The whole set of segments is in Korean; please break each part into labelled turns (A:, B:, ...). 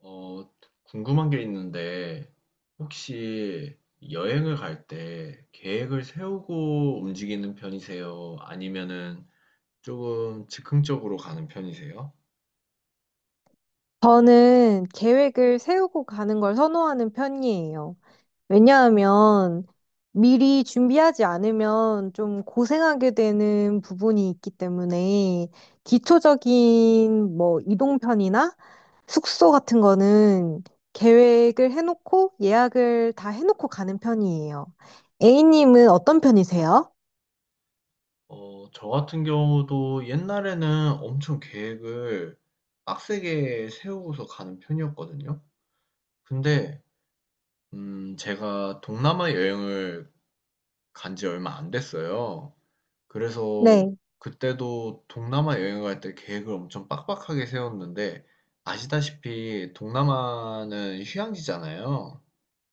A: 어, 궁금한 게 있는데, 혹시 여행을 갈 때 계획을 세우고 움직이는 편이세요? 아니면은 조금 즉흥적으로 가는 편이세요?
B: 저는 계획을 세우고 가는 걸 선호하는 편이에요. 왜냐하면 미리 준비하지 않으면 좀 고생하게 되는 부분이 있기 때문에 기초적인 뭐 이동편이나 숙소 같은 거는 계획을 해놓고 예약을 다 해놓고 가는 편이에요. A님은 어떤 편이세요?
A: 저 같은 경우도 옛날에는 엄청 계획을 빡세게 세우고서 가는 편이었거든요. 근데, 제가 동남아 여행을 간지 얼마 안 됐어요. 그래서
B: 네,
A: 그때도 동남아 여행 갈 때 계획을 엄청 빡빡하게 세웠는데 아시다시피 동남아는 휴양지잖아요.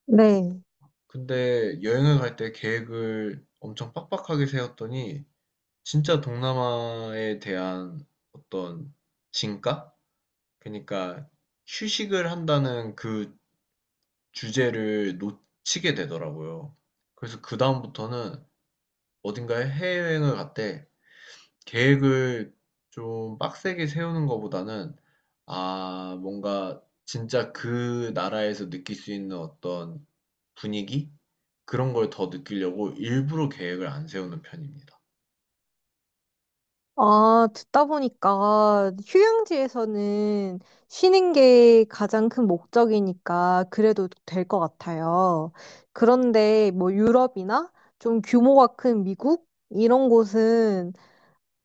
B: 네.
A: 근데 여행을 갈 때 계획을 엄청 빡빡하게 세웠더니 진짜 동남아에 대한 어떤 진가? 그러니까 휴식을 한다는 그 주제를 놓치게 되더라고요. 그래서 그다음부터는 어딘가에 해외여행을 갔대. 계획을 좀 빡세게 세우는 것보다는 아, 뭔가 진짜 그 나라에서 느낄 수 있는 어떤 분위기? 그런 걸 더 느끼려고 일부러 계획을 안 세우는 편입니다.
B: 아, 듣다 보니까 휴양지에서는 쉬는 게 가장 큰 목적이니까 그래도 될 것 같아요. 그런데 뭐 유럽이나 좀 규모가 큰 미국 이런 곳은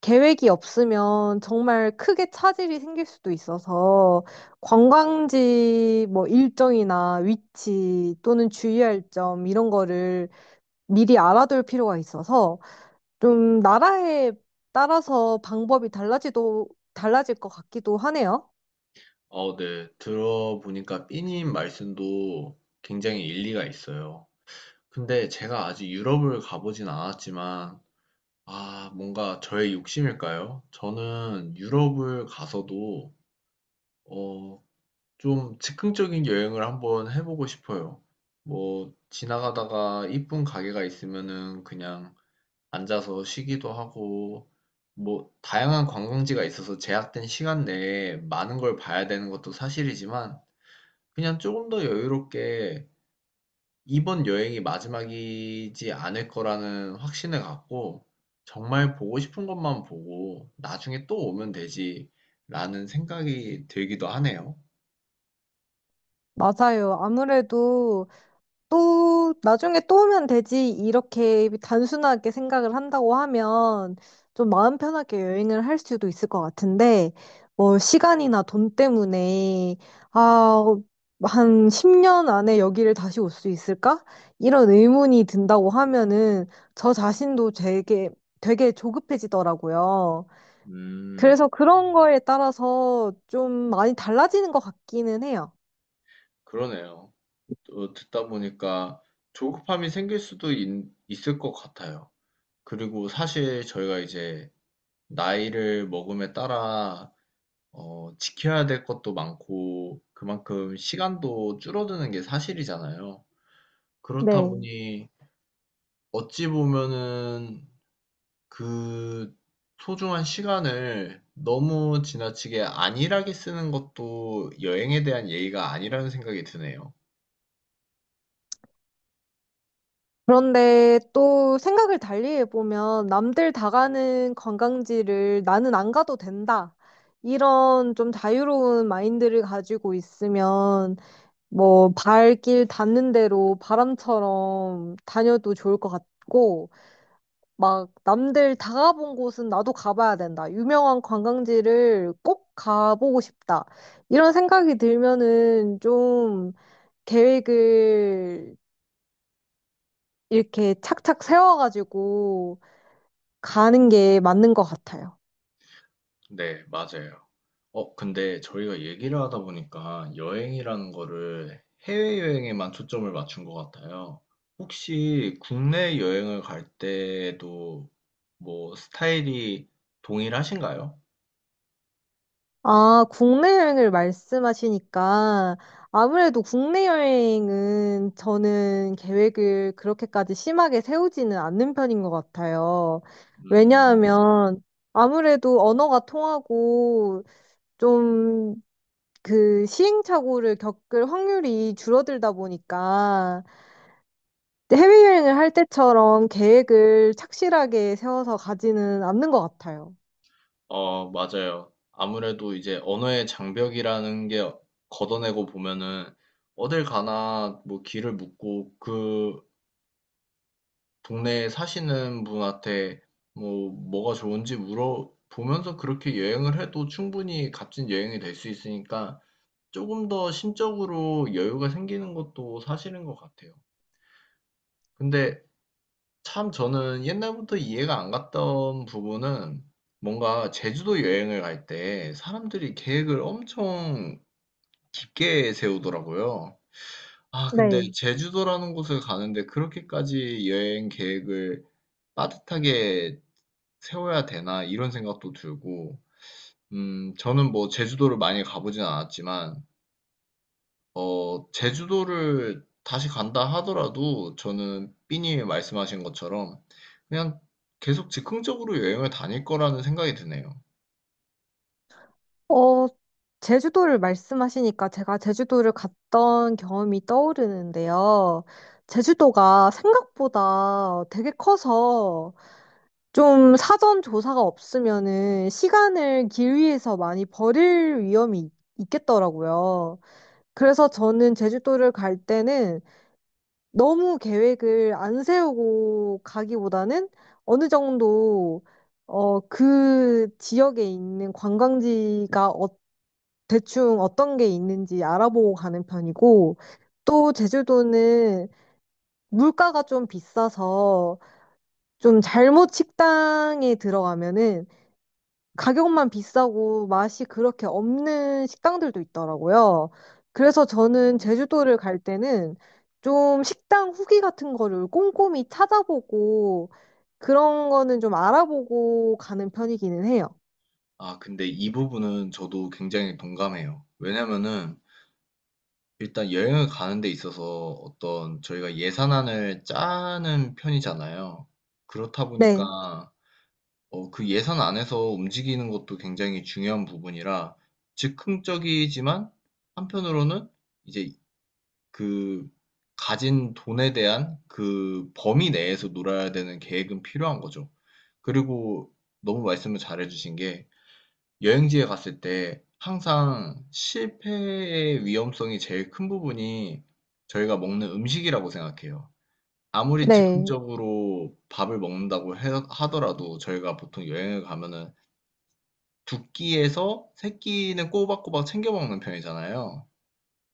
B: 계획이 없으면 정말 크게 차질이 생길 수도 있어서 관광지 뭐 일정이나 위치 또는 주의할 점 이런 거를 미리 알아둘 필요가 있어서 좀 나라에 따라서 방법이 달라지도, 달라질 것 같기도 하네요.
A: 어, 네. 들어보니까 삐님 말씀도 굉장히 일리가 있어요. 근데 제가 아직 유럽을 가보진 않았지만, 아, 뭔가 저의 욕심일까요? 저는 유럽을 가서도, 어, 좀 즉흥적인 여행을 한번 해보고 싶어요. 뭐, 지나가다가 이쁜 가게가 있으면은 그냥 앉아서 쉬기도 하고, 뭐, 다양한 관광지가 있어서 제약된 시간 내에 많은 걸 봐야 되는 것도 사실이지만, 그냥 조금 더 여유롭게 이번 여행이 마지막이지 않을 거라는 확신을 갖고, 정말 보고 싶은 것만 보고, 나중에 또 오면 되지라는 생각이 들기도 하네요.
B: 맞아요. 아무래도 또 나중에 또 오면 되지 이렇게 단순하게 생각을 한다고 하면 좀 마음 편하게 여행을 할 수도 있을 것 같은데 뭐 시간이나 돈 때문에 아, 한 10년 안에 여기를 다시 올 수 있을까? 이런 의문이 든다고 하면은 저 자신도 되게 되게 조급해지더라고요.
A: 음,
B: 그래서 그런 거에 따라서 좀 많이 달라지는 것 같기는 해요.
A: 그러네요. 듣다 보니까 조급함이 생길 수도 있을 것 같아요. 그리고 사실 저희가 이제 나이를 먹음에 따라 지켜야 될 것도 많고 그만큼 시간도 줄어드는 게 사실이잖아요. 그렇다
B: 네.
A: 보니 어찌 보면은 그 소중한 시간을 너무 지나치게 안일하게 쓰는 것도 여행에 대한 예의가 아니라는 생각이 드네요.
B: 그런데 또 생각을 달리 해보면 남들 다 가는 관광지를 나는 안 가도 된다. 이런 좀 자유로운 마인드를 가지고 있으면 뭐 발길 닿는 대로 바람처럼 다녀도 좋을 것 같고 막 남들 다 가본 곳은 나도 가봐야 된다. 유명한 관광지를 꼭 가보고 싶다. 이런 생각이 들면은 좀 계획을 이렇게 착착 세워가지고 가는 게 맞는 것 같아요.
A: 네, 맞아요. 근데 저희가 얘기를 하다 보니까 여행이라는 거를 해외여행에만 초점을 맞춘 것 같아요. 혹시 국내 여행을 갈 때도 뭐 스타일이 동일하신가요?
B: 아, 국내 여행을 말씀하시니까 아무래도 국내 여행은 저는 계획을 그렇게까지 심하게 세우지는 않는 편인 것 같아요.
A: 음,
B: 왜냐하면 아무래도 언어가 통하고 좀 그 시행착오를 겪을 확률이 줄어들다 보니까 해외여행을 할 때처럼 계획을 착실하게 세워서 가지는 않는 것 같아요.
A: 맞아요. 아무래도 이제 언어의 장벽이라는 게 걷어내고 보면은 어딜 가나 뭐 길을 묻고 그 동네에 사시는 분한테 뭐 뭐가 좋은지 물어보면서 그렇게 여행을 해도 충분히 값진 여행이 될 수 있으니까 조금 더 심적으로 여유가 생기는 것도 사실인 것 같아요. 근데 참 저는 옛날부터 이해가 안 갔던 부분은 뭔가 제주도 여행을 갈 때 사람들이 계획을 엄청 깊게 세우더라고요. 아, 근데
B: 네.
A: 제주도라는 곳을 가는데 그렇게까지 여행 계획을 빠듯하게 세워야 되나 이런 생각도 들고 저는 뭐 제주도를 많이 가보진 않았지만 어 제주도를 다시 간다 하더라도 저는 삐님이 말씀하신 것처럼 그냥 계속 즉흥적으로 여행을 다닐 거라는 생각이 드네요.
B: 어, 제주도를 말씀하시니까 제가 제주도를 갔던 경험이 떠오르는데요. 제주도가 생각보다 되게 커서 좀 사전 조사가 없으면은 시간을 길 위에서 많이 버릴 위험이 있겠더라고요. 그래서 저는 제주도를 갈 때는 너무 계획을 안 세우고 가기보다는 어느 정도 그 지역에 있는 관광지가 대충 어떤 게 있는지 알아보고 가는 편이고 또 제주도는 물가가 좀 비싸서 좀 잘못 식당에 들어가면은 가격만 비싸고 맛이 그렇게 없는 식당들도 있더라고요. 그래서 저는 제주도를 갈 때는 좀 식당 후기 같은 거를 꼼꼼히 찾아보고 그런 거는 좀 알아보고 가는 편이기는 해요.
A: 아 근데 이 부분은 저도 굉장히 동감해요. 왜냐면은 일단 여행을 가는 데 있어서 어떤 저희가 예산안을 짜는 편이잖아요. 그렇다
B: 네,
A: 보니까 그 예산 안에서 움직이는 것도 굉장히 중요한 부분이라 즉흥적이지만 한편으로는 이제 그 가진 돈에 대한 그 범위 내에서 놀아야 되는 계획은 필요한 거죠. 그리고 너무 말씀을 잘해주신 게 여행지에 갔을 때 항상 실패의 위험성이 제일 큰 부분이 저희가 먹는 음식이라고 생각해요. 아무리
B: 네,
A: 즉흥적으로 밥을 먹는다고 하더라도 저희가 보통 여행을 가면은 두 끼에서 세 끼는 꼬박꼬박 챙겨 먹는 편이잖아요.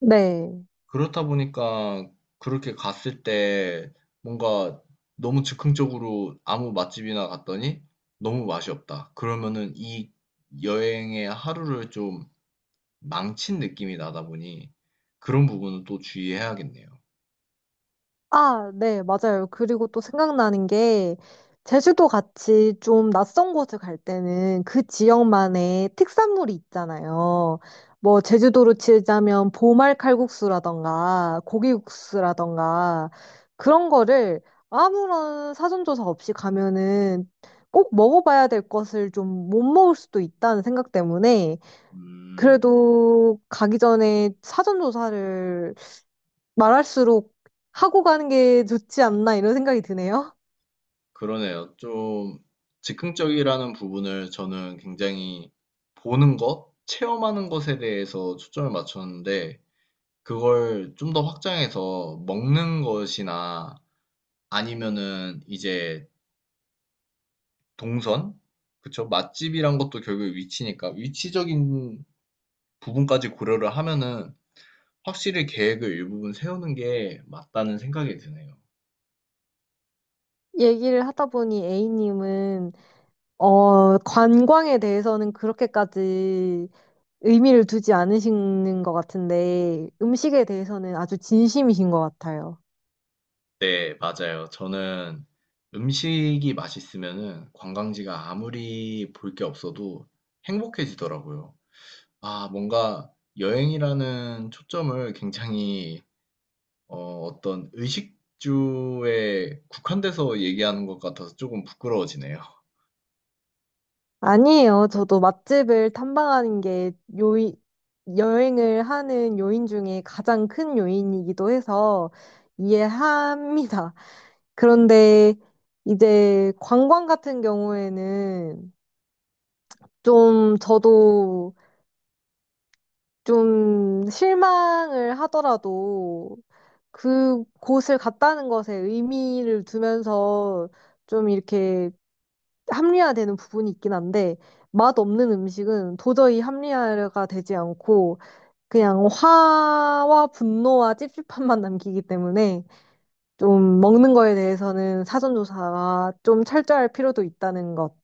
B: 네.
A: 그렇다 보니까 그렇게 갔을 때 뭔가 너무 즉흥적으로 아무 맛집이나 갔더니 너무 맛이 없다. 그러면은 이 여행의 하루를 좀 망친 느낌이 나다 보니 그런 부분은 또 주의해야겠네요.
B: 아, 네, 맞아요. 그리고 또 생각나는 게, 제주도 같이 좀 낯선 곳을 갈 때는 그 지역만의 특산물이 있잖아요. 뭐, 제주도로 치자면 보말 칼국수라던가, 고기국수라던가, 그런 거를 아무런 사전조사 없이 가면은 꼭 먹어봐야 될 것을 좀 못 먹을 수도 있다는 생각 때문에,
A: 음,
B: 그래도 가기 전에 사전조사를 말할수록 하고 가는 게 좋지 않나 이런 생각이 드네요.
A: 그러네요. 좀 즉흥적이라는 부분을 저는 굉장히 보는 것, 체험하는 것에 대해서 초점을 맞췄는데 그걸 좀 더 확장해서 먹는 것이나 아니면은 이제 동선? 그쵸? 맛집이란 것도 결국 위치니까 위치적인 부분까지 고려를 하면은 확실히 계획을 일부분 세우는 게 맞다는 생각이 드네요.
B: 얘기를 하다 보니 A님은 관광에 대해서는 그렇게까지 의미를 두지 않으시는 것 같은데 음식에 대해서는 아주 진심이신 것 같아요.
A: 네, 맞아요. 저는 음식이 맛있으면은 관광지가 아무리 볼 게 없어도 행복해지더라고요. 아, 뭔가 여행이라는 초점을 굉장히 어떤 의식주에 국한돼서 얘기하는 것 같아서 조금 부끄러워지네요.
B: 아니에요. 저도 맛집을 탐방하는 게 요인, 여행을 하는 요인 중에 가장 큰 요인이기도 해서 이해합니다. 그런데 이제 관광 같은 경우에는 좀 저도 좀 실망을 하더라도 그곳을 갔다는 것에 의미를 두면서 좀 이렇게 합리화되는 부분이 있긴 한데 맛없는 음식은 도저히 합리화가 되지 않고 그냥 화와 분노와 찝찝함만 남기기 때문에 좀 먹는 거에 대해서는 사전조사가 좀 철저할 필요도 있다는 것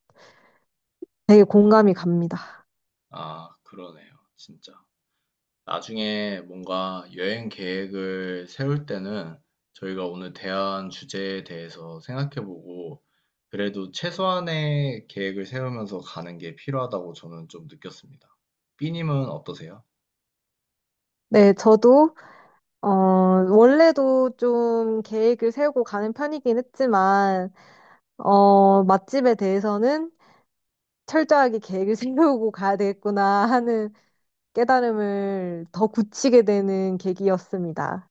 B: 되게 공감이 갑니다.
A: 아, 그러네요. 진짜. 나중에 뭔가 여행 계획을 세울 때는 저희가 오늘 대한 주제에 대해서 생각해보고 그래도 최소한의 계획을 세우면서 가는 게 필요하다고 저는 좀 느꼈습니다. 삐님은 어떠세요?
B: 네, 저도 어, 원래도 좀 계획을 세우고 가는 편이긴 했지만, 맛집에 대해서는 철저하게 계획을 세우고 가야 되겠구나 하는 깨달음을 더 굳히게 되는 계기였습니다.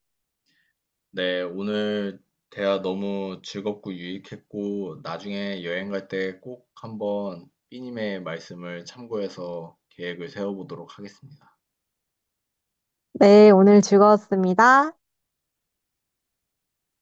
A: 네, 오늘 대화 너무 즐겁고 유익했고, 나중에 여행 갈 때 꼭 한번 삐님의 말씀을 참고해서 계획을 세워보도록 하겠습니다.
B: 네, 오늘 즐거웠습니다.